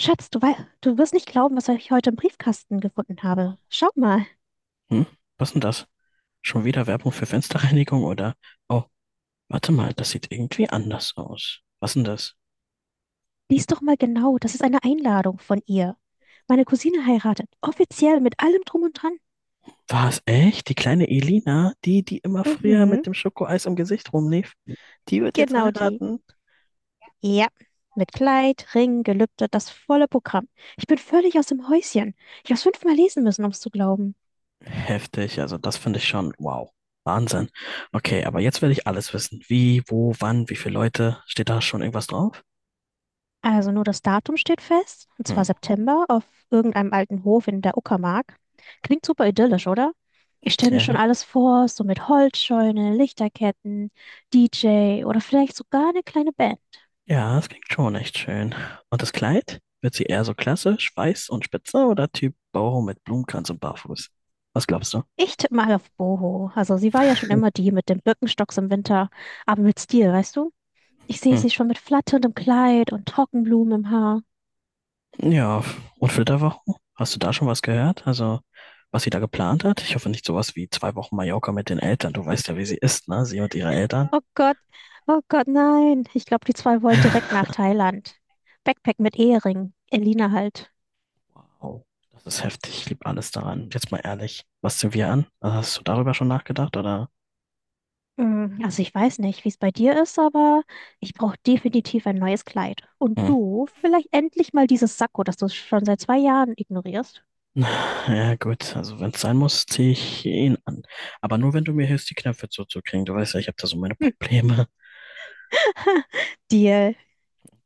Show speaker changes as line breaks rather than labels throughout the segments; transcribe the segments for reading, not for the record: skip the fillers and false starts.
Schatz, du wirst nicht glauben, was ich heute im Briefkasten gefunden habe. Schau mal,
Hm, was denn das? Schon wieder Werbung für Fensterreinigung, oder? Oh, warte mal, das sieht irgendwie anders aus. Was denn das?
lies doch mal genau. Das ist eine Einladung von ihr. Meine Cousine heiratet. Offiziell mit allem Drum und Dran.
War es echt? Die kleine Elina, die immer früher mit
Mhm.
dem Schokoeis im Gesicht rumlief, die wird jetzt
Genau die.
heiraten?
Ja, mit Kleid, Ring, Gelübde, das volle Programm. Ich bin völlig aus dem Häuschen. Ich habe es fünfmal lesen müssen, um es zu glauben.
Heftig, also das finde ich schon, wow. Wahnsinn. Okay, aber jetzt will ich alles wissen. Wie, wo, wann, wie viele Leute? Steht da schon irgendwas drauf?
Also nur das Datum steht fest, und zwar
Hm,
September auf irgendeinem alten Hof in der Uckermark. Klingt super idyllisch, oder? Ich stelle mir schon
ja.
alles vor, so mit Holzscheune, Lichterketten, DJ oder vielleicht sogar eine kleine Band.
Ja, das klingt schon echt schön. Und das Kleid? Wird sie eher so klassisch, weiß und spitze, oder Typ Boho mit Blumenkranz und barfuß? Was glaubst du?
Ich tippe mal auf Boho. Also sie war ja schon immer die mit dem Birkenstocks im Winter, aber mit Stil, weißt du? Ich sehe
Hm.
sie schon mit flatterndem Kleid und Trockenblumen im Haar.
Ja, und Flitterwochen? Hast du da schon was gehört? Also, was sie da geplant hat? Ich hoffe nicht sowas wie zwei Wochen Mallorca mit den Eltern. Du weißt ja, wie sie ist, ne? Sie und ihre Eltern.
Oh Gott, oh Gott, nein. Ich glaube, die zwei wollen direkt nach Thailand. Backpack mit Ehering. Elina halt.
Wow, das ist heftig. Ich liebe alles daran. Jetzt mal ehrlich, was sind wir an? Hast du darüber schon nachgedacht, oder?
Also ich weiß nicht, wie es bei dir ist, aber ich brauche definitiv ein neues Kleid. Und
Hm.
du, vielleicht endlich mal dieses Sakko, das du schon seit zwei Jahren ignorierst.
Ja, gut, also wenn es sein muss, ziehe ich ihn an. Aber nur, wenn du mir hilfst, die Knöpfe zuzukriegen. Du weißt ja, ich habe da so meine
Hm.
Probleme.
Deal.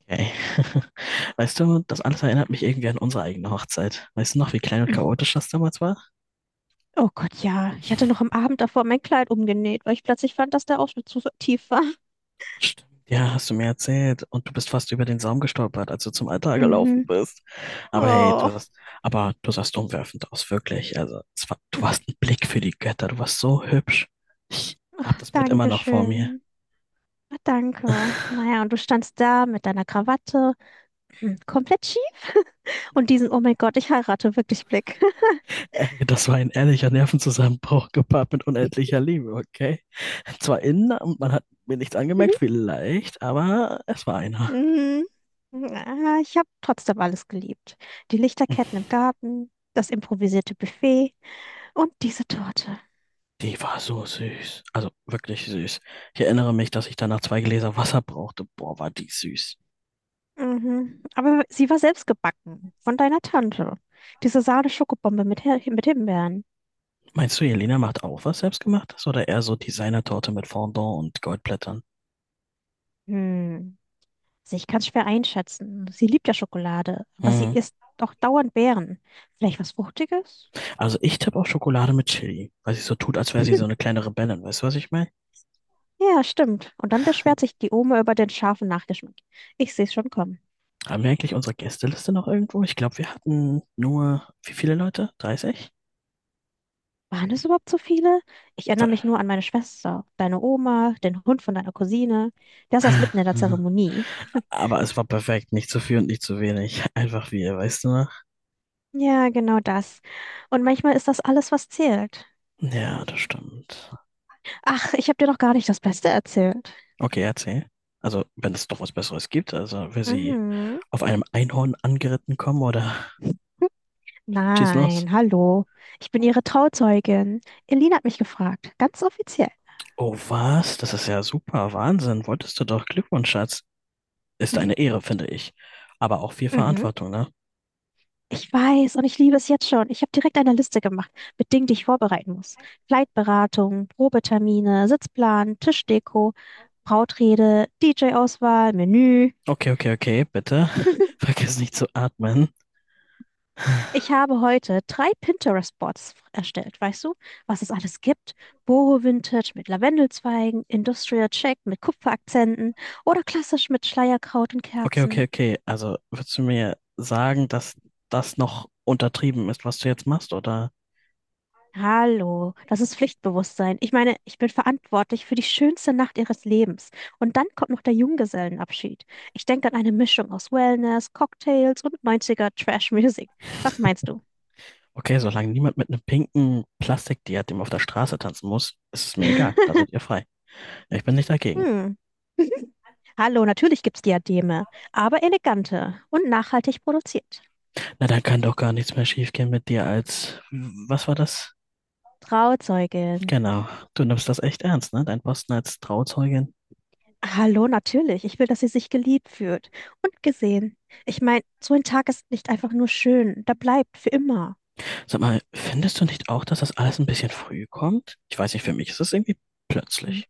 Okay. Weißt du, das alles erinnert mich irgendwie an unsere eigene Hochzeit. Weißt du noch, wie klein und chaotisch das damals war?
Oh Gott, ja. Ich hatte noch am Abend davor mein Kleid umgenäht, weil ich plötzlich fand, dass der Ausschnitt zu tief war.
Stimmt. Ja, hast du mir erzählt. Und du bist fast über den Saum gestolpert, als du zum Altar gelaufen
Mhm.
bist. Aber hey,
Oh.
aber du sahst umwerfend aus, wirklich. Also, es war, du warst ein Blick für die Götter. Du warst so hübsch. Ich hab
Ach,
das Bild immer
danke
noch vor mir.
schön. Ah, Danke. Naja, und du standst da mit deiner Krawatte, komplett schief und diesen "Oh mein Gott, ich heirate wirklich Blick.
Ey, das war ein ehrlicher Nervenzusammenbruch gepaart mit unendlicher Liebe, okay? Zwar innen, und man hat mir nichts angemerkt, vielleicht, aber es war einer.
Mhm. Ah, ich habe trotzdem alles geliebt. Die Lichterketten im Garten, das improvisierte Buffet und diese Torte.
Die war so süß. Also wirklich süß. Ich erinnere mich, dass ich danach zwei Gläser Wasser brauchte. Boah, war die süß.
Mhm. Aber sie war selbst gebacken, von deiner Tante. Diese Sahne-Schokobombe mit Himbeeren.
Meinst du, Jelena macht auch was Selbstgemachtes oder eher so Designertorte mit Fondant und Goldblättern?
Hm. Also ich kann es schwer einschätzen. Sie liebt ja Schokolade, aber sie
Hm.
isst doch dauernd Beeren. Vielleicht was Fruchtiges?
Also ich tippe auf Schokolade mit Chili, weil sie so tut, als wäre sie so eine kleine Rebellin. Weißt du, was ich meine?
Ja, stimmt. Und dann beschwert sich die Oma über den scharfen Nachgeschmack. Ich sehe es schon kommen.
Haben wir eigentlich unsere Gästeliste noch irgendwo? Ich glaube, wir hatten nur, wie viele Leute? 30?
Waren es überhaupt so viele? Ich erinnere
Ver-
mich nur an meine Schwester, deine Oma, den Hund von deiner Cousine. Der saß mitten in der Zeremonie.
Aber es war perfekt. Nicht zu viel und nicht zu wenig. Einfach wir, weißt du noch?
Ja, genau das. Und manchmal ist das alles, was zählt.
Ja, das stimmt.
Ach, ich habe dir doch gar nicht das Beste erzählt.
Okay, erzähl. Also, wenn es doch was Besseres gibt, also wenn sie
Mhm.
auf einem Einhorn angeritten kommen oder schieß los.
Nein, hallo. Ich bin ihre Trauzeugin. Elina hat mich gefragt, ganz offiziell.
Oh, was? Das ist ja super. Wahnsinn. Wolltest du doch. Glückwunsch, Schatz. Ist eine Ehre, finde ich. Aber auch viel
Mhm.
Verantwortung, ne?
Ich weiß und ich liebe es jetzt schon. Ich habe direkt eine Liste gemacht mit Dingen, die ich vorbereiten muss. Flightberatung, Probetermine, Sitzplan, Tischdeko, Brautrede, DJ-Auswahl, Menü.
Okay, okay, okay, bitte. Vergiss nicht zu atmen.
Ich habe heute drei Pinterest-Boards erstellt, weißt du, was es alles gibt? Boho Vintage mit Lavendelzweigen, Industrial Check mit Kupferakzenten oder klassisch mit Schleierkraut und
Okay, okay,
Kerzen.
okay. Also würdest du mir sagen, dass das noch untertrieben ist, was du jetzt machst? Oder
Hallo, das ist Pflichtbewusstsein. Ich meine, ich bin verantwortlich für die schönste Nacht ihres Lebens. Und dann kommt noch der Junggesellenabschied. Ich denke an eine Mischung aus Wellness, Cocktails und 90er Trash Music. Was meinst du?
okay, solange niemand mit einem pinken Plastikdiadem auf der Straße tanzen muss, ist es mir egal. Da seid ihr frei. Ich bin nicht dagegen.
Hm. Hallo, natürlich gibt's Diademe, aber elegante und nachhaltig produziert.
Na, dann kann doch gar nichts mehr schiefgehen mit dir als, was war das?
Trauzeugin.
Genau. Du nimmst das echt ernst, ne? Dein Posten als Trauzeugin.
Hallo, natürlich. Ich will, dass sie sich geliebt fühlt und gesehen. Ich meine, so ein Tag ist nicht einfach nur schön, da bleibt für immer.
Sag mal, findest du nicht auch, dass das alles ein bisschen früh kommt? Ich weiß nicht, für mich ist es irgendwie
Hm.
plötzlich.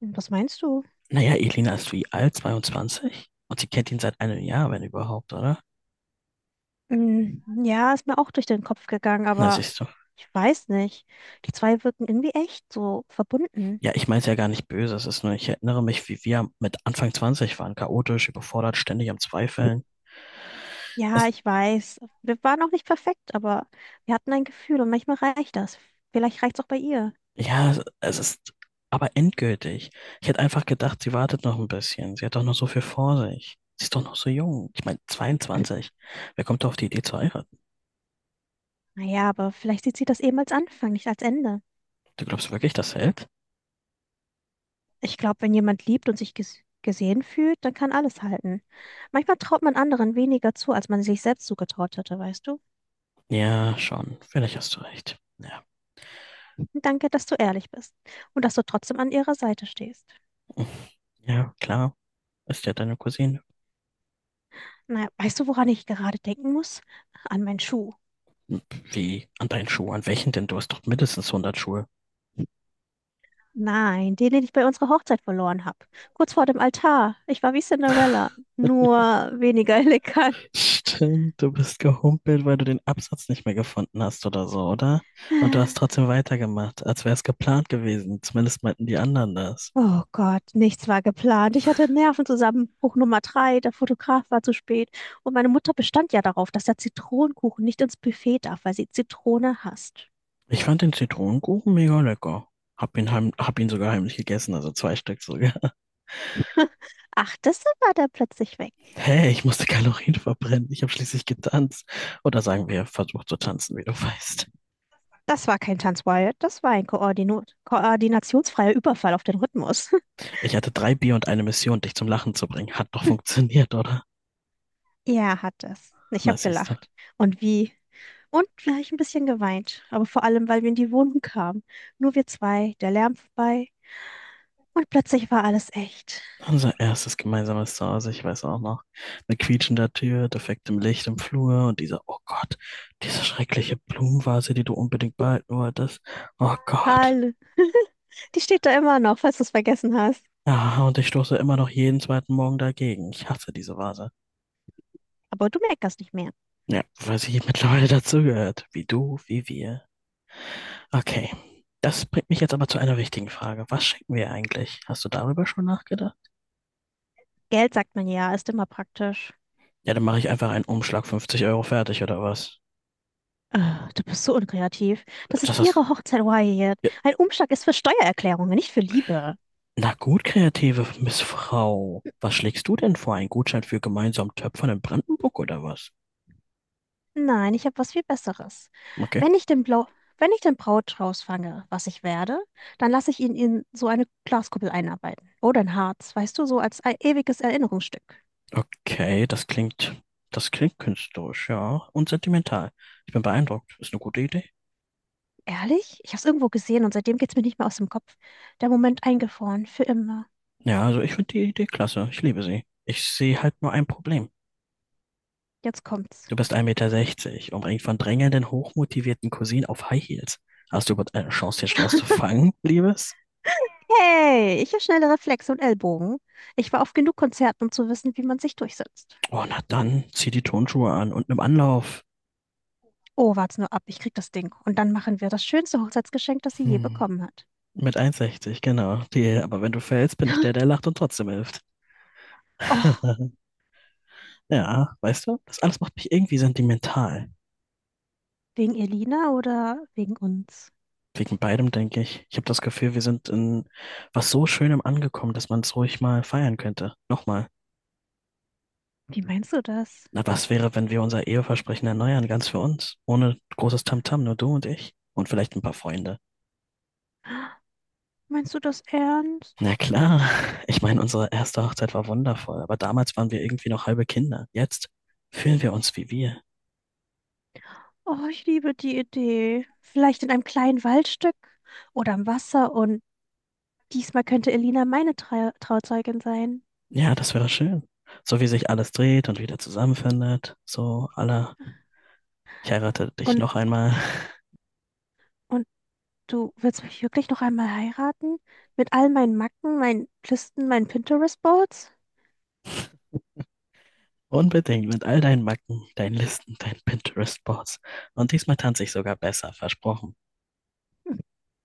Was meinst du?
Naja, Elina ist wie alt? Zweiundzwanzig, und sie kennt ihn seit einem Jahr, wenn überhaupt, oder?
Ja, ist mir auch durch den Kopf gegangen,
Na,
aber
siehst du.
ich weiß nicht. Die zwei wirken irgendwie echt so verbunden.
Ja, ich meine es ja gar nicht böse. Es ist nur, ich erinnere mich, wie wir mit Anfang 20 waren. Chaotisch, überfordert, ständig am Zweifeln.
Ja,
Es,
ich weiß. Wir waren auch nicht perfekt, aber wir hatten ein Gefühl und manchmal reicht das. Vielleicht reicht's auch bei ihr.
ja, es ist aber endgültig. Ich hätte einfach gedacht, sie wartet noch ein bisschen. Sie hat doch noch so viel vor sich. Sie ist doch noch so jung. Ich meine, 22. Wer kommt doch auf die Idee zu heiraten?
Naja, aber vielleicht sieht sie das eben als Anfang, nicht als Ende.
Du glaubst wirklich, das hält?
Ich glaube, wenn jemand liebt und sich gesehen fühlt, dann kann alles halten. Manchmal traut man anderen weniger zu, als man sich selbst zugetraut hätte, weißt du?
Ja, schon. Vielleicht hast du recht. Ja,
Danke, dass du ehrlich bist und dass du trotzdem an ihrer Seite stehst.
ja klar. Ist ja deine Cousine.
Na, weißt du, woran ich gerade denken muss? An meinen Schuh.
Wie? An deinen Schuh? An welchen denn? Du hast doch mindestens hundert Schuhe.
Nein, den, den ich bei unserer Hochzeit verloren habe. Kurz vor dem Altar. Ich war wie Cinderella, nur weniger elegant.
Stimmt, du bist gehumpelt, weil du den Absatz nicht mehr gefunden hast oder so, oder? Und du hast trotzdem weitergemacht, als wäre es geplant gewesen. Zumindest meinten die anderen das.
Oh Gott, nichts war geplant. Ich hatte einen Nervenzusammenbruch Nummer drei. Der Fotograf war zu spät. Und meine Mutter bestand ja darauf, dass der Zitronenkuchen nicht ins Buffet darf, weil sie Zitrone hasst.
Ich fand den Zitronenkuchen mega lecker. Hab ihn sogar heimlich gegessen, also zwei Stück sogar.
Ach, das war da plötzlich weg.
Hey, ich musste Kalorien verbrennen. Ich habe schließlich getanzt. Oder sagen wir, versucht zu tanzen, wie du weißt.
Das war kein Tanzwild, das war ein koordinationsfreier Überfall auf den Rhythmus.
Ich hatte drei Bier und eine Mission, dich zum Lachen zu bringen. Hat doch funktioniert, oder?
Ja, hat es. Ich
Na,
habe
siehst du.
gelacht. Und wie? Und gleich ein bisschen geweint. Aber vor allem, weil wir in die Wohnung kamen. Nur wir zwei, der Lärm vorbei. Und plötzlich war alles echt.
Unser erstes gemeinsames Zuhause, ich weiß auch noch. Mit quietschender Tür, defektem Licht im Flur und dieser, oh Gott, diese schreckliche Blumenvase, die du unbedingt behalten wolltest. Oh Gott.
Halle. Die steht da immer noch, falls du es vergessen hast.
Ja, und ich stoße immer noch jeden zweiten Morgen dagegen. Ich hasse diese Vase.
Aber du meckerst nicht mehr.
Ja, weil sie mittlerweile dazugehört. Wie du, wie wir. Okay. Das bringt mich jetzt aber zu einer wichtigen Frage. Was schenken wir eigentlich? Hast du darüber schon nachgedacht?
Geld, sagt man ja, ist immer praktisch.
Ja, dann mache ich einfach einen Umschlag 50 € fertig oder was?
Ah, du bist so unkreativ. Das
Das
ist
hast,
ihre Hochzeit, Wyatt. Ein Umschlag ist für Steuererklärungen, nicht für Liebe.
Na gut, kreative Miss Frau. Was schlägst du denn vor? Ein Gutschein für gemeinsam Töpfern in Brandenburg oder was?
Nein, ich habe was viel Besseres.
Okay.
Wenn ich den Blau, wenn ich den Brautstrauß fange, was ich werde, dann lasse ich ihn in so eine Glaskuppel einarbeiten. Oder ein Harz, weißt du, so als ewiges Erinnerungsstück.
Okay, das klingt künstlerisch, ja. Und sentimental. Ich bin beeindruckt. Ist eine gute Idee.
Ehrlich? Ich habe es irgendwo gesehen und seitdem geht's mir nicht mehr aus dem Kopf. Der Moment eingefroren, für immer.
Ja, also ich finde die Idee klasse. Ich liebe sie. Ich sehe halt nur ein Problem.
Jetzt kommt's.
Du bist 1,60 Meter, sechzig, umringt von drängelnden, hochmotivierten Cousinen auf High Heels. Hast du überhaupt eine Chance, den Strauß zu fangen, Liebes?
Hey, ich habe schnelle Reflexe und Ellbogen. Ich war auf genug Konzerten, um zu wissen, wie man sich durchsetzt.
Oh, na dann, zieh die Tonschuhe an und nimm Anlauf.
Oh, wart's nur ab, ich krieg das Ding. Und dann machen wir das schönste Hochzeitsgeschenk, das sie je
Hm.
bekommen hat.
Mit 1,60, genau. Die, aber wenn du fällst, bin ich der, der lacht und trotzdem hilft.
Och.
Ja, weißt du, das alles macht mich irgendwie sentimental.
Wegen Elina oder wegen uns?
Wegen beidem, denke ich. Ich habe das Gefühl, wir sind in was so Schönem angekommen, dass man es ruhig mal feiern könnte. Nochmal.
Wie meinst du das?
Na, was wäre, wenn wir unser Eheversprechen erneuern, ganz für uns? Ohne großes Tamtam, nur du und ich. Und vielleicht ein paar Freunde.
Meinst du das ernst?
Na klar. Ich meine, unsere erste Hochzeit war wundervoll, aber damals waren wir irgendwie noch halbe Kinder. Jetzt fühlen wir uns wie wir.
Oh, ich liebe die Idee. Vielleicht in einem kleinen Waldstück oder am Wasser und diesmal könnte Elina meine Trauzeugin sein.
Ja, das wäre schön. So wie sich alles dreht und wieder zusammenfindet, ich heirate dich
Und,
noch einmal.
und du willst mich wirklich noch einmal heiraten? Mit all meinen Macken, meinen Listen, meinen Pinterest-Boards?
Unbedingt mit all deinen Macken, deinen Listen, deinen Pinterest-Boards. Und diesmal tanze ich sogar besser, versprochen.
Hm,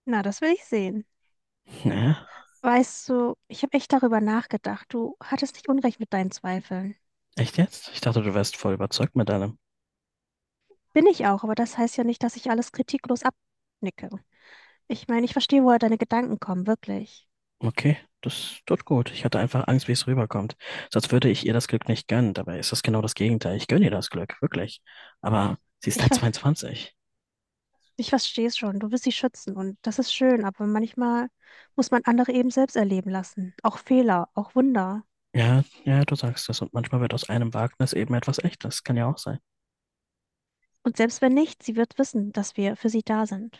Na, das will ich sehen.
Ja,
Weißt du, ich habe echt darüber nachgedacht. Du hattest nicht Unrecht mit deinen Zweifeln.
echt jetzt? Ich dachte, du wärst voll überzeugt mit allem.
Bin ich auch, aber das heißt ja nicht, dass ich alles kritiklos abnicke. Ich meine, ich verstehe, woher deine Gedanken kommen, wirklich.
Okay, das tut gut. Ich hatte einfach Angst, wie es rüberkommt. Sonst würde ich ihr das Glück nicht gönnen. Dabei ist das genau das Gegenteil. Ich gönne ihr das Glück, wirklich. Aber sie ist
Ich,
halt
ver-
22.
ich verstehe es schon. Du willst sie schützen und das ist schön, aber manchmal muss man andere eben selbst erleben lassen. Auch Fehler, auch Wunder.
Ja, ja, du sagst es. Und manchmal wird aus einem Wagnis eben etwas Echtes. Kann ja auch sein.
Und selbst wenn nicht, sie wird wissen, dass wir für sie da sind.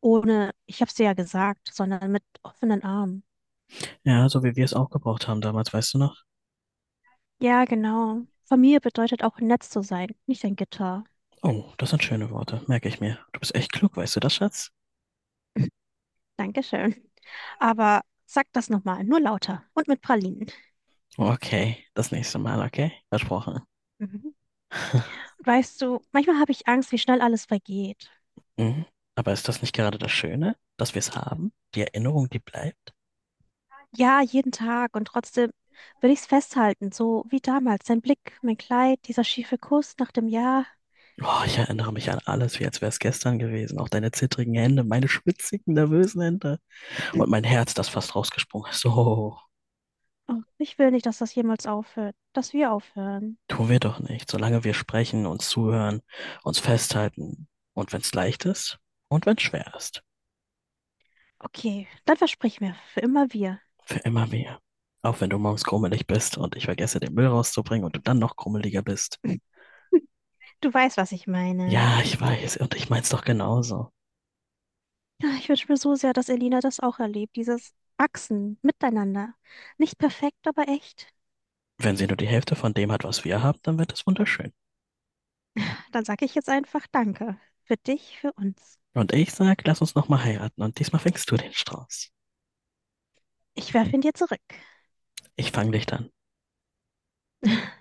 Ohne, ich habe es dir ja gesagt, sondern mit offenen Armen.
Ja, so wie wir es auch gebraucht haben damals, weißt du noch?
Ja, genau. Familie bedeutet auch nett zu sein, nicht ein Gitter.
Oh, das sind schöne Worte, merke ich mir. Du bist echt klug, weißt du das, Schatz?
Dankeschön. Aber sag das nochmal, nur lauter und mit Pralinen.
Okay, das nächste Mal, okay? Versprochen.
Mhm. Weißt du, manchmal habe ich Angst, wie schnell alles vergeht.
Mhm. Aber ist das nicht gerade das Schöne, dass wir es haben? Die Erinnerung, die bleibt?
Ja, jeden Tag und trotzdem will ich es festhalten, so wie damals. Dein Blick, mein Kleid, dieser schiefe Kuss nach dem Jahr.
Oh, ich erinnere mich an alles, wie als wäre es gestern gewesen. Auch deine zittrigen Hände, meine schwitzigen, nervösen Hände. Und mein Herz, das fast rausgesprungen ist. So,
Oh, ich will nicht, dass das jemals aufhört, dass wir aufhören.
tun wir doch nicht. Solange wir sprechen, uns zuhören, uns festhalten. Und wenn es leicht ist und wenn es schwer ist.
Okay, dann versprich mir, für immer wir.
Für immer mehr. Auch wenn du morgens krummelig bist und ich vergesse, den Müll rauszubringen und du dann noch krummeliger bist.
Du weißt, was ich meine.
Ja, ich weiß, und ich mein's doch genauso.
Ja, ich wünsche mir so sehr, dass Elina das auch erlebt, dieses Wachsen miteinander. Nicht perfekt, aber echt.
Wenn sie nur die Hälfte von dem hat, was wir haben, dann wird es wunderschön.
Dann sage ich jetzt einfach Danke. Für dich, für uns.
Und ich sag, lass uns nochmal heiraten und diesmal fängst du den Strauß.
Ich werfe ihn dir zurück.
Ich fang dich dann.